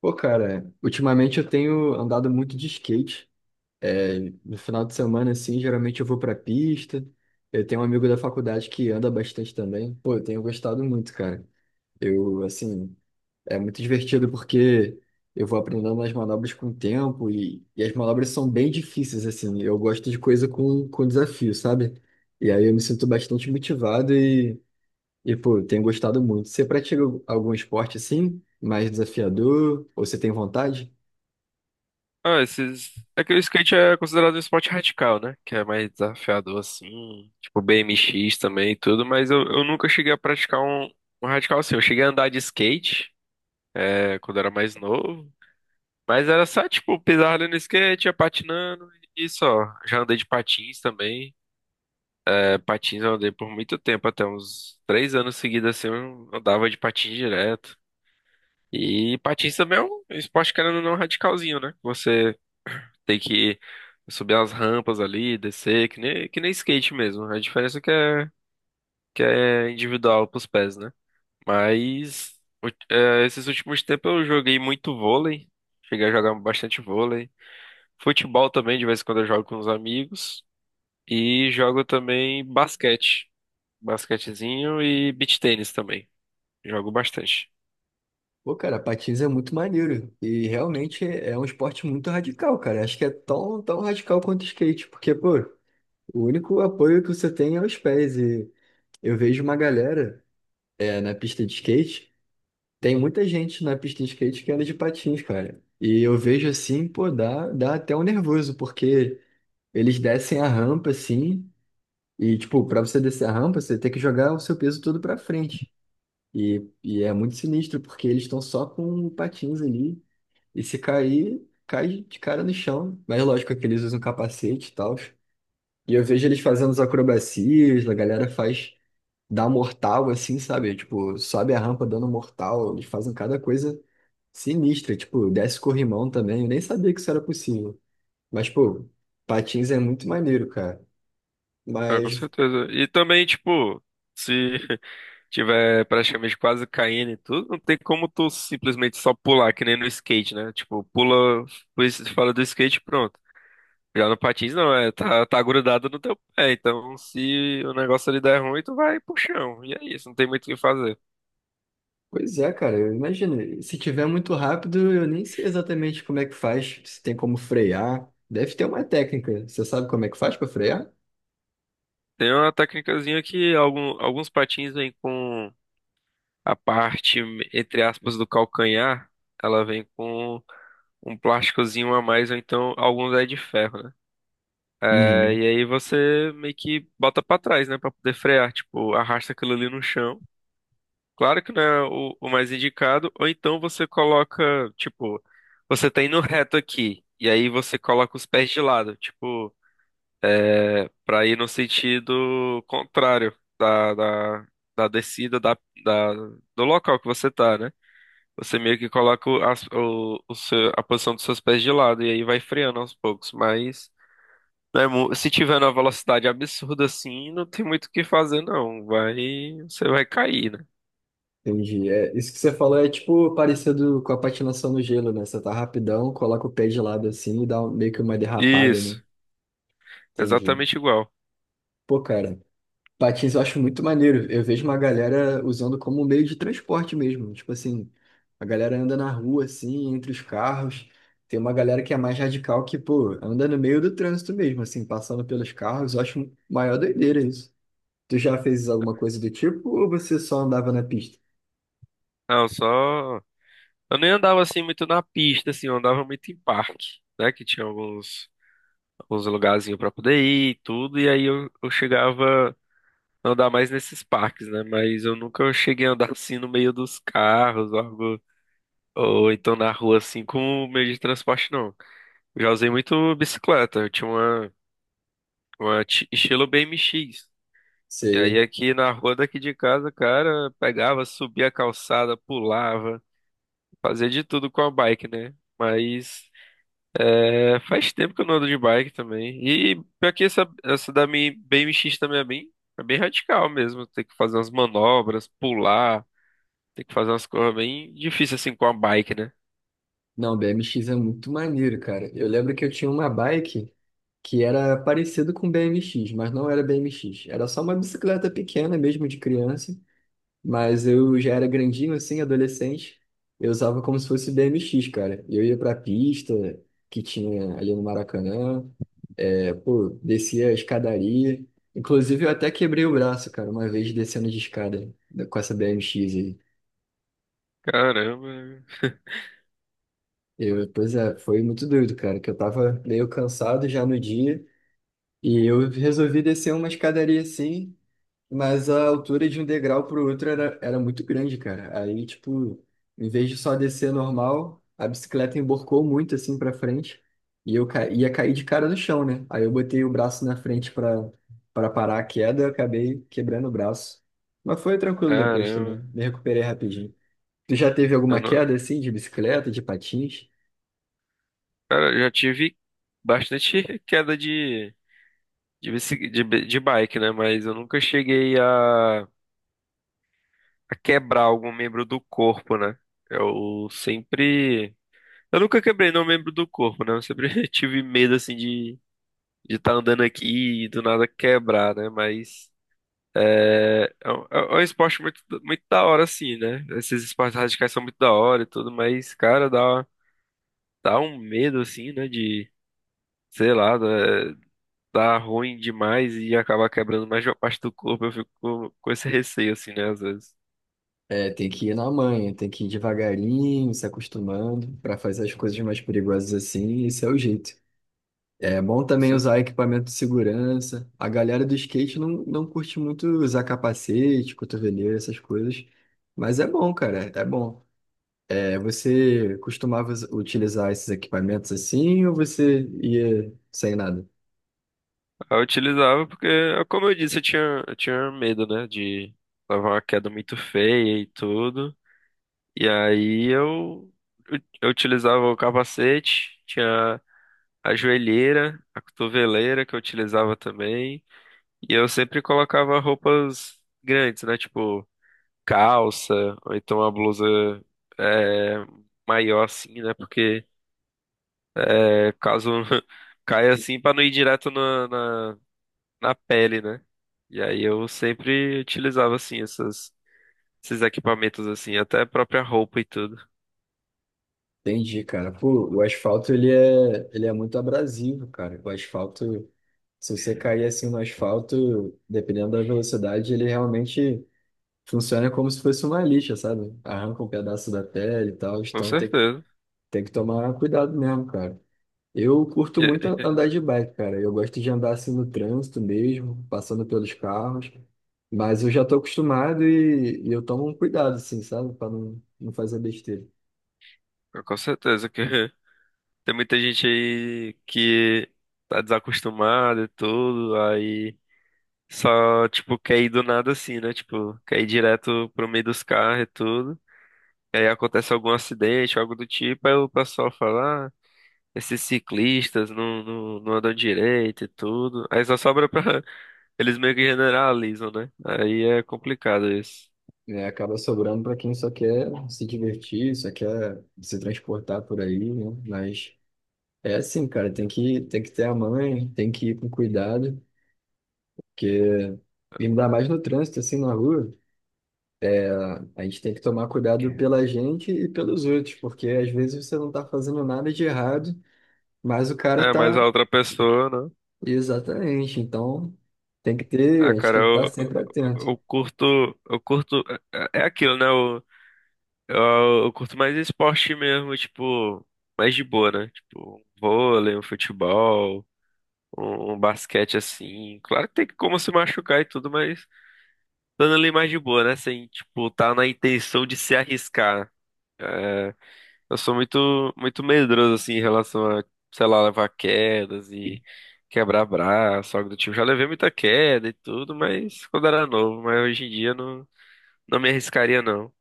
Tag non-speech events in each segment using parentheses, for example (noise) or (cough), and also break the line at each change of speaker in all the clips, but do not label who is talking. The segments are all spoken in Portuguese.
Pô, cara, ultimamente eu tenho andado muito de skate. É, no final de semana, assim, geralmente eu vou pra pista. Eu tenho um amigo da faculdade que anda bastante também. Pô, eu tenho gostado muito, cara. Eu, assim, é muito divertido porque eu vou aprendendo as manobras com o tempo e as manobras são bem difíceis, assim. Eu gosto de coisa com desafio, sabe? E aí eu me sinto bastante motivado e, pô, eu tenho gostado muito. Você pratica algum esporte assim, mais desafiador, ou você tem vontade?
Ah, esses. É que o skate é considerado um esporte radical, né? Que é mais desafiador, assim. Tipo, BMX também e tudo, mas eu nunca cheguei a praticar um radical assim. Eu cheguei a andar de skate, quando era mais novo. Mas era só, tipo, pisar ali no skate, ia patinando e só. Já andei de patins também. É, patins eu andei por muito tempo, até uns três anos seguidos, assim, eu andava de patins direto. E patins também é um esporte, querendo ou não, radicalzinho, né? Você tem que subir as rampas ali, descer, que nem skate mesmo. A diferença é que é individual pros pés, né? Mas u- É, esses últimos tempos eu joguei muito vôlei. Cheguei a jogar bastante vôlei. Futebol também, de vez em quando eu jogo com os amigos. E jogo também basquete. Basquetezinho e beach tênis também. Jogo bastante.
Pô, cara, patins é muito maneiro. E realmente é um esporte muito radical, cara. Acho que é tão radical quanto o skate, porque, pô, o único apoio que você tem é os pés. E eu vejo uma galera na pista de skate. Tem muita gente na pista de skate que anda de patins, cara. E eu vejo assim, pô, dá até um nervoso, porque eles descem a rampa assim. E, tipo, pra você descer a rampa, você tem que jogar o seu peso todo pra frente. E é muito sinistro, porque eles estão só com patins ali. E se cair, cai de cara no chão. Mas lógico é que eles usam capacete e tal. E eu vejo eles fazendo as acrobacias, a galera faz, dá mortal assim, sabe? Tipo, sobe a rampa dando mortal. Eles fazem cada coisa sinistra. Tipo, desce corrimão também. Eu nem sabia que isso era possível. Mas, pô, patins é muito maneiro, cara.
Ah, com
Mas
certeza. E também, tipo, se (laughs) tiver praticamente quase caindo e tudo, não tem como tu simplesmente só pular, que nem no skate, né? Tipo, pula, pois fala do skate, pronto. Já no patins não, é, tá grudado no teu pé, então se o negócio ali der ruim, tu vai pro chão, e é isso, não tem muito o que fazer.
pois é, cara, eu imagino. Se tiver muito rápido, eu nem sei exatamente como é que faz, se tem como frear. Deve ter uma técnica. Você sabe como é que faz para frear?
Tem uma técnicazinha que alguns patins vêm com a parte, entre aspas, do calcanhar, ela vem com um plásticozinho a mais, ou então alguns é de ferro, né? É,
Uhum.
e aí você meio que bota pra trás, né, pra poder frear, tipo, arrasta aquilo ali no chão. Claro que não é o mais indicado, ou então você coloca, tipo, você tá indo reto aqui, e aí você coloca os pés de lado, tipo, pra ir no sentido contrário da, da, da descida da do local que você tá, né? Você meio que coloca o, as- o seu- a posição dos seus pés de lado, e aí vai freando aos poucos, mas. Se tiver numa velocidade absurda assim, não tem muito o que fazer, não. Vai, você vai cair, né?
Entendi. É, isso que você falou é tipo parecido com a patinação no gelo, né? Você tá rapidão, coloca o pé de lado assim e dá um- meio que uma derrapada, né?
Isso,
Entendi.
exatamente igual.
Pô, cara. Patins eu acho muito maneiro. Eu vejo uma galera usando como meio de transporte mesmo. Tipo assim, a galera anda na rua, assim, entre os carros. Tem uma galera que é mais radical que, pô, anda no meio do trânsito mesmo, assim, passando pelos carros. Eu acho maior doideira isso. Tu já fez alguma coisa do tipo ou você só andava na pista?
Não, só. Eu nem andava assim muito na pista, assim, eu andava muito em parque, né? Que tinha alguns lugarzinhos pra poder ir e tudo, e aí eu chegava a andar mais nesses parques, né? Mas eu nunca cheguei a andar (laughs) assim no meio dos carros, ou algo, ou então na rua assim, com o meio de transporte, não. Eu já usei muito bicicleta, eu tinha uma. Estilo BMX. E aí
Sei.
aqui na rua daqui de casa, cara, pegava, subia a calçada, pulava, fazia de tudo com a bike, né? Mas é, faz tempo que eu não ando de bike também. E pior que essa da minha BMX também é bem radical mesmo. Tem que fazer umas manobras, pular, tem que fazer umas coisas bem difíceis assim com a bike, né?
Não, BMX é muito maneiro, cara. Eu lembro que eu tinha uma bike que era parecido com BMX, mas não era BMX. Era só uma bicicleta pequena mesmo de criança. Mas eu já era grandinho assim, adolescente. Eu usava como se fosse BMX, cara. Eu ia pra pista que tinha ali no Maracanã. É, pô, descia a escadaria. Inclusive, eu até quebrei o braço, cara, uma vez descendo de escada com essa BMX aí.
Caramba,
Eu, pois é, foi muito doido, cara, que eu tava meio cansado já no dia. E eu resolvi descer uma escadaria assim. Mas a altura de um degrau pro outro era muito grande, cara. Aí, tipo, em vez de só descer normal, a bicicleta emborcou muito assim pra frente e eu ca... ia cair de cara no chão, né? Aí eu botei o braço na frente pra para parar a queda, eu acabei quebrando o braço. Mas foi tranquilo depois também,
caramba.
me recuperei rapidinho. Tu já teve
Eu
alguma
não-
queda assim de bicicleta, de patins?
Cara, eu já tive bastante (laughs) queda de, bici- de, bi- de bike, né? Mas eu nunca cheguei a quebrar algum membro do corpo, né? Eu sempre. Eu nunca quebrei nenhum membro do corpo, né? Eu sempre (laughs) tive medo, assim, de estar andando aqui e do nada quebrar, né? Mas. É, é um esporte muito, muito da hora, assim, né? Esses esportes radicais são muito da hora e tudo, mas, cara, dá, dá um medo, assim, né? De, sei lá, né? Tá ruim demais e acabar quebrando mais de uma parte do corpo. Eu fico com esse receio, assim, né? Às vezes.
É, tem que ir na manha, tem que ir devagarinho, se acostumando pra fazer as coisas mais perigosas assim, esse é o jeito. É bom
Com
também
certeza.
usar equipamento de segurança. A galera do skate não curte muito usar capacete, cotoveleira, essas coisas. Mas é bom, cara, é bom. É, você costumava us- utilizar esses equipamentos assim ou você ia sem nada?
Eu utilizava porque, como eu disse, eu tinha medo, né? De levar uma queda muito feia e tudo. E aí eu utilizava o capacete, tinha a joelheira, a cotoveleira que eu utilizava também. E eu sempre colocava roupas grandes, né? Tipo calça, ou então uma blusa é, maior assim, né? Porque é, caso (laughs) caia assim pra não ir direto na pele, né? E aí eu sempre utilizava assim esses equipamentos assim, até a própria roupa e tudo.
Entendi, cara. Pô, o asfalto ele é muito abrasivo, cara. O asfalto, se você cair assim no asfalto, dependendo da velocidade, ele realmente funciona como se fosse uma lixa, sabe? Arranca um pedaço da pele e tal,
Com
então tem que
certeza.
tem que tomar cuidado mesmo, cara. Eu curto muito
É,
andar de bike, cara. Eu gosto de andar assim no trânsito mesmo, passando pelos carros. Mas eu já tô acostumado e eu tomo um cuidado, assim, sabe? Pra não fazer besteira.
com certeza que (laughs) tem muita gente aí que tá desacostumada e tudo, aí só tipo quer ir do nada assim, né? Tipo, quer ir direto pro meio dos carros e tudo. E aí acontece algum acidente, algo do tipo, aí o pessoal fala, "Ah, esses ciclistas não andam direito e tudo. Aí só sobra pra. (laughs) Eles meio que generalizam, né? Aí é complicado isso.
É, acaba sobrando pra quem só quer se divertir, só quer se transportar por aí, né? Mas é assim, cara, tem que ter a mãe, tem que ir com cuidado, porque ainda mais no trânsito, assim, na rua. A gente tem que tomar cuidado pela gente e pelos outros, porque às vezes você não está fazendo nada de errado, mas o cara
É, mas a
tá.
outra pessoa, né?
Exatamente. Então, tem que ter, a
Ah,
gente
cara,
tem que
eu,
estar
eu,
sempre atento.
eu curto. Eu curto. É aquilo, né? Eu curto mais esporte mesmo, tipo. Mais de boa, né? Tipo, um vôlei, um futebol, um basquete assim. Claro que tem como se machucar e tudo, mas dando ali mais de boa, né? Sem, tipo, tá na intenção de se arriscar. É, eu sou muito, muito medroso, assim, em relação a, sei lá, levar quedas e quebrar braço, algo do tipo. Já levei muita queda e tudo, mas quando era novo. Mas hoje em dia não, não me arriscaria, não.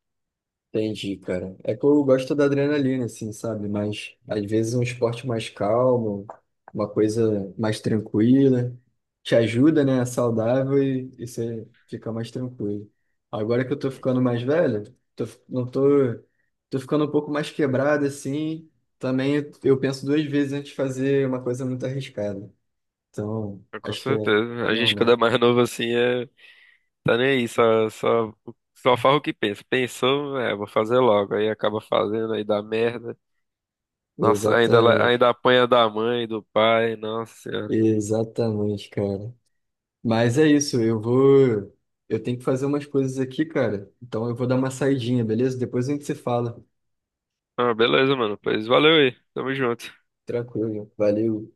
Entendi, cara. É que eu gosto da adrenalina, assim, sabe? Mas às vezes um esporte mais calmo, uma coisa mais tranquila, te ajuda, né? É saudável e você fica mais tranquilo. Agora que eu tô ficando mais velho, tô, fi- não tô, tô ficando um pouco mais quebrado, assim. Também eu penso duas vezes antes de fazer uma coisa muito arriscada. Então,
Mas com
acho que é,
certeza.
é
A gente, quando é
normal.
mais novo, assim, é, tá nem aí, só faz o que pensa. Pensou, é, vou fazer logo. Aí acaba fazendo, aí dá merda. Nossa,
Exatamente.
ainda apanha da mãe, do pai, nossa senhora.
Exatamente, cara. Mas é isso, eu vou. Eu tenho que fazer umas coisas aqui, cara. Então eu vou dar uma saidinha, beleza? Depois a gente se fala.
Ah, beleza, mano. Pois valeu aí. Tamo junto.
Tranquilo. Valeu.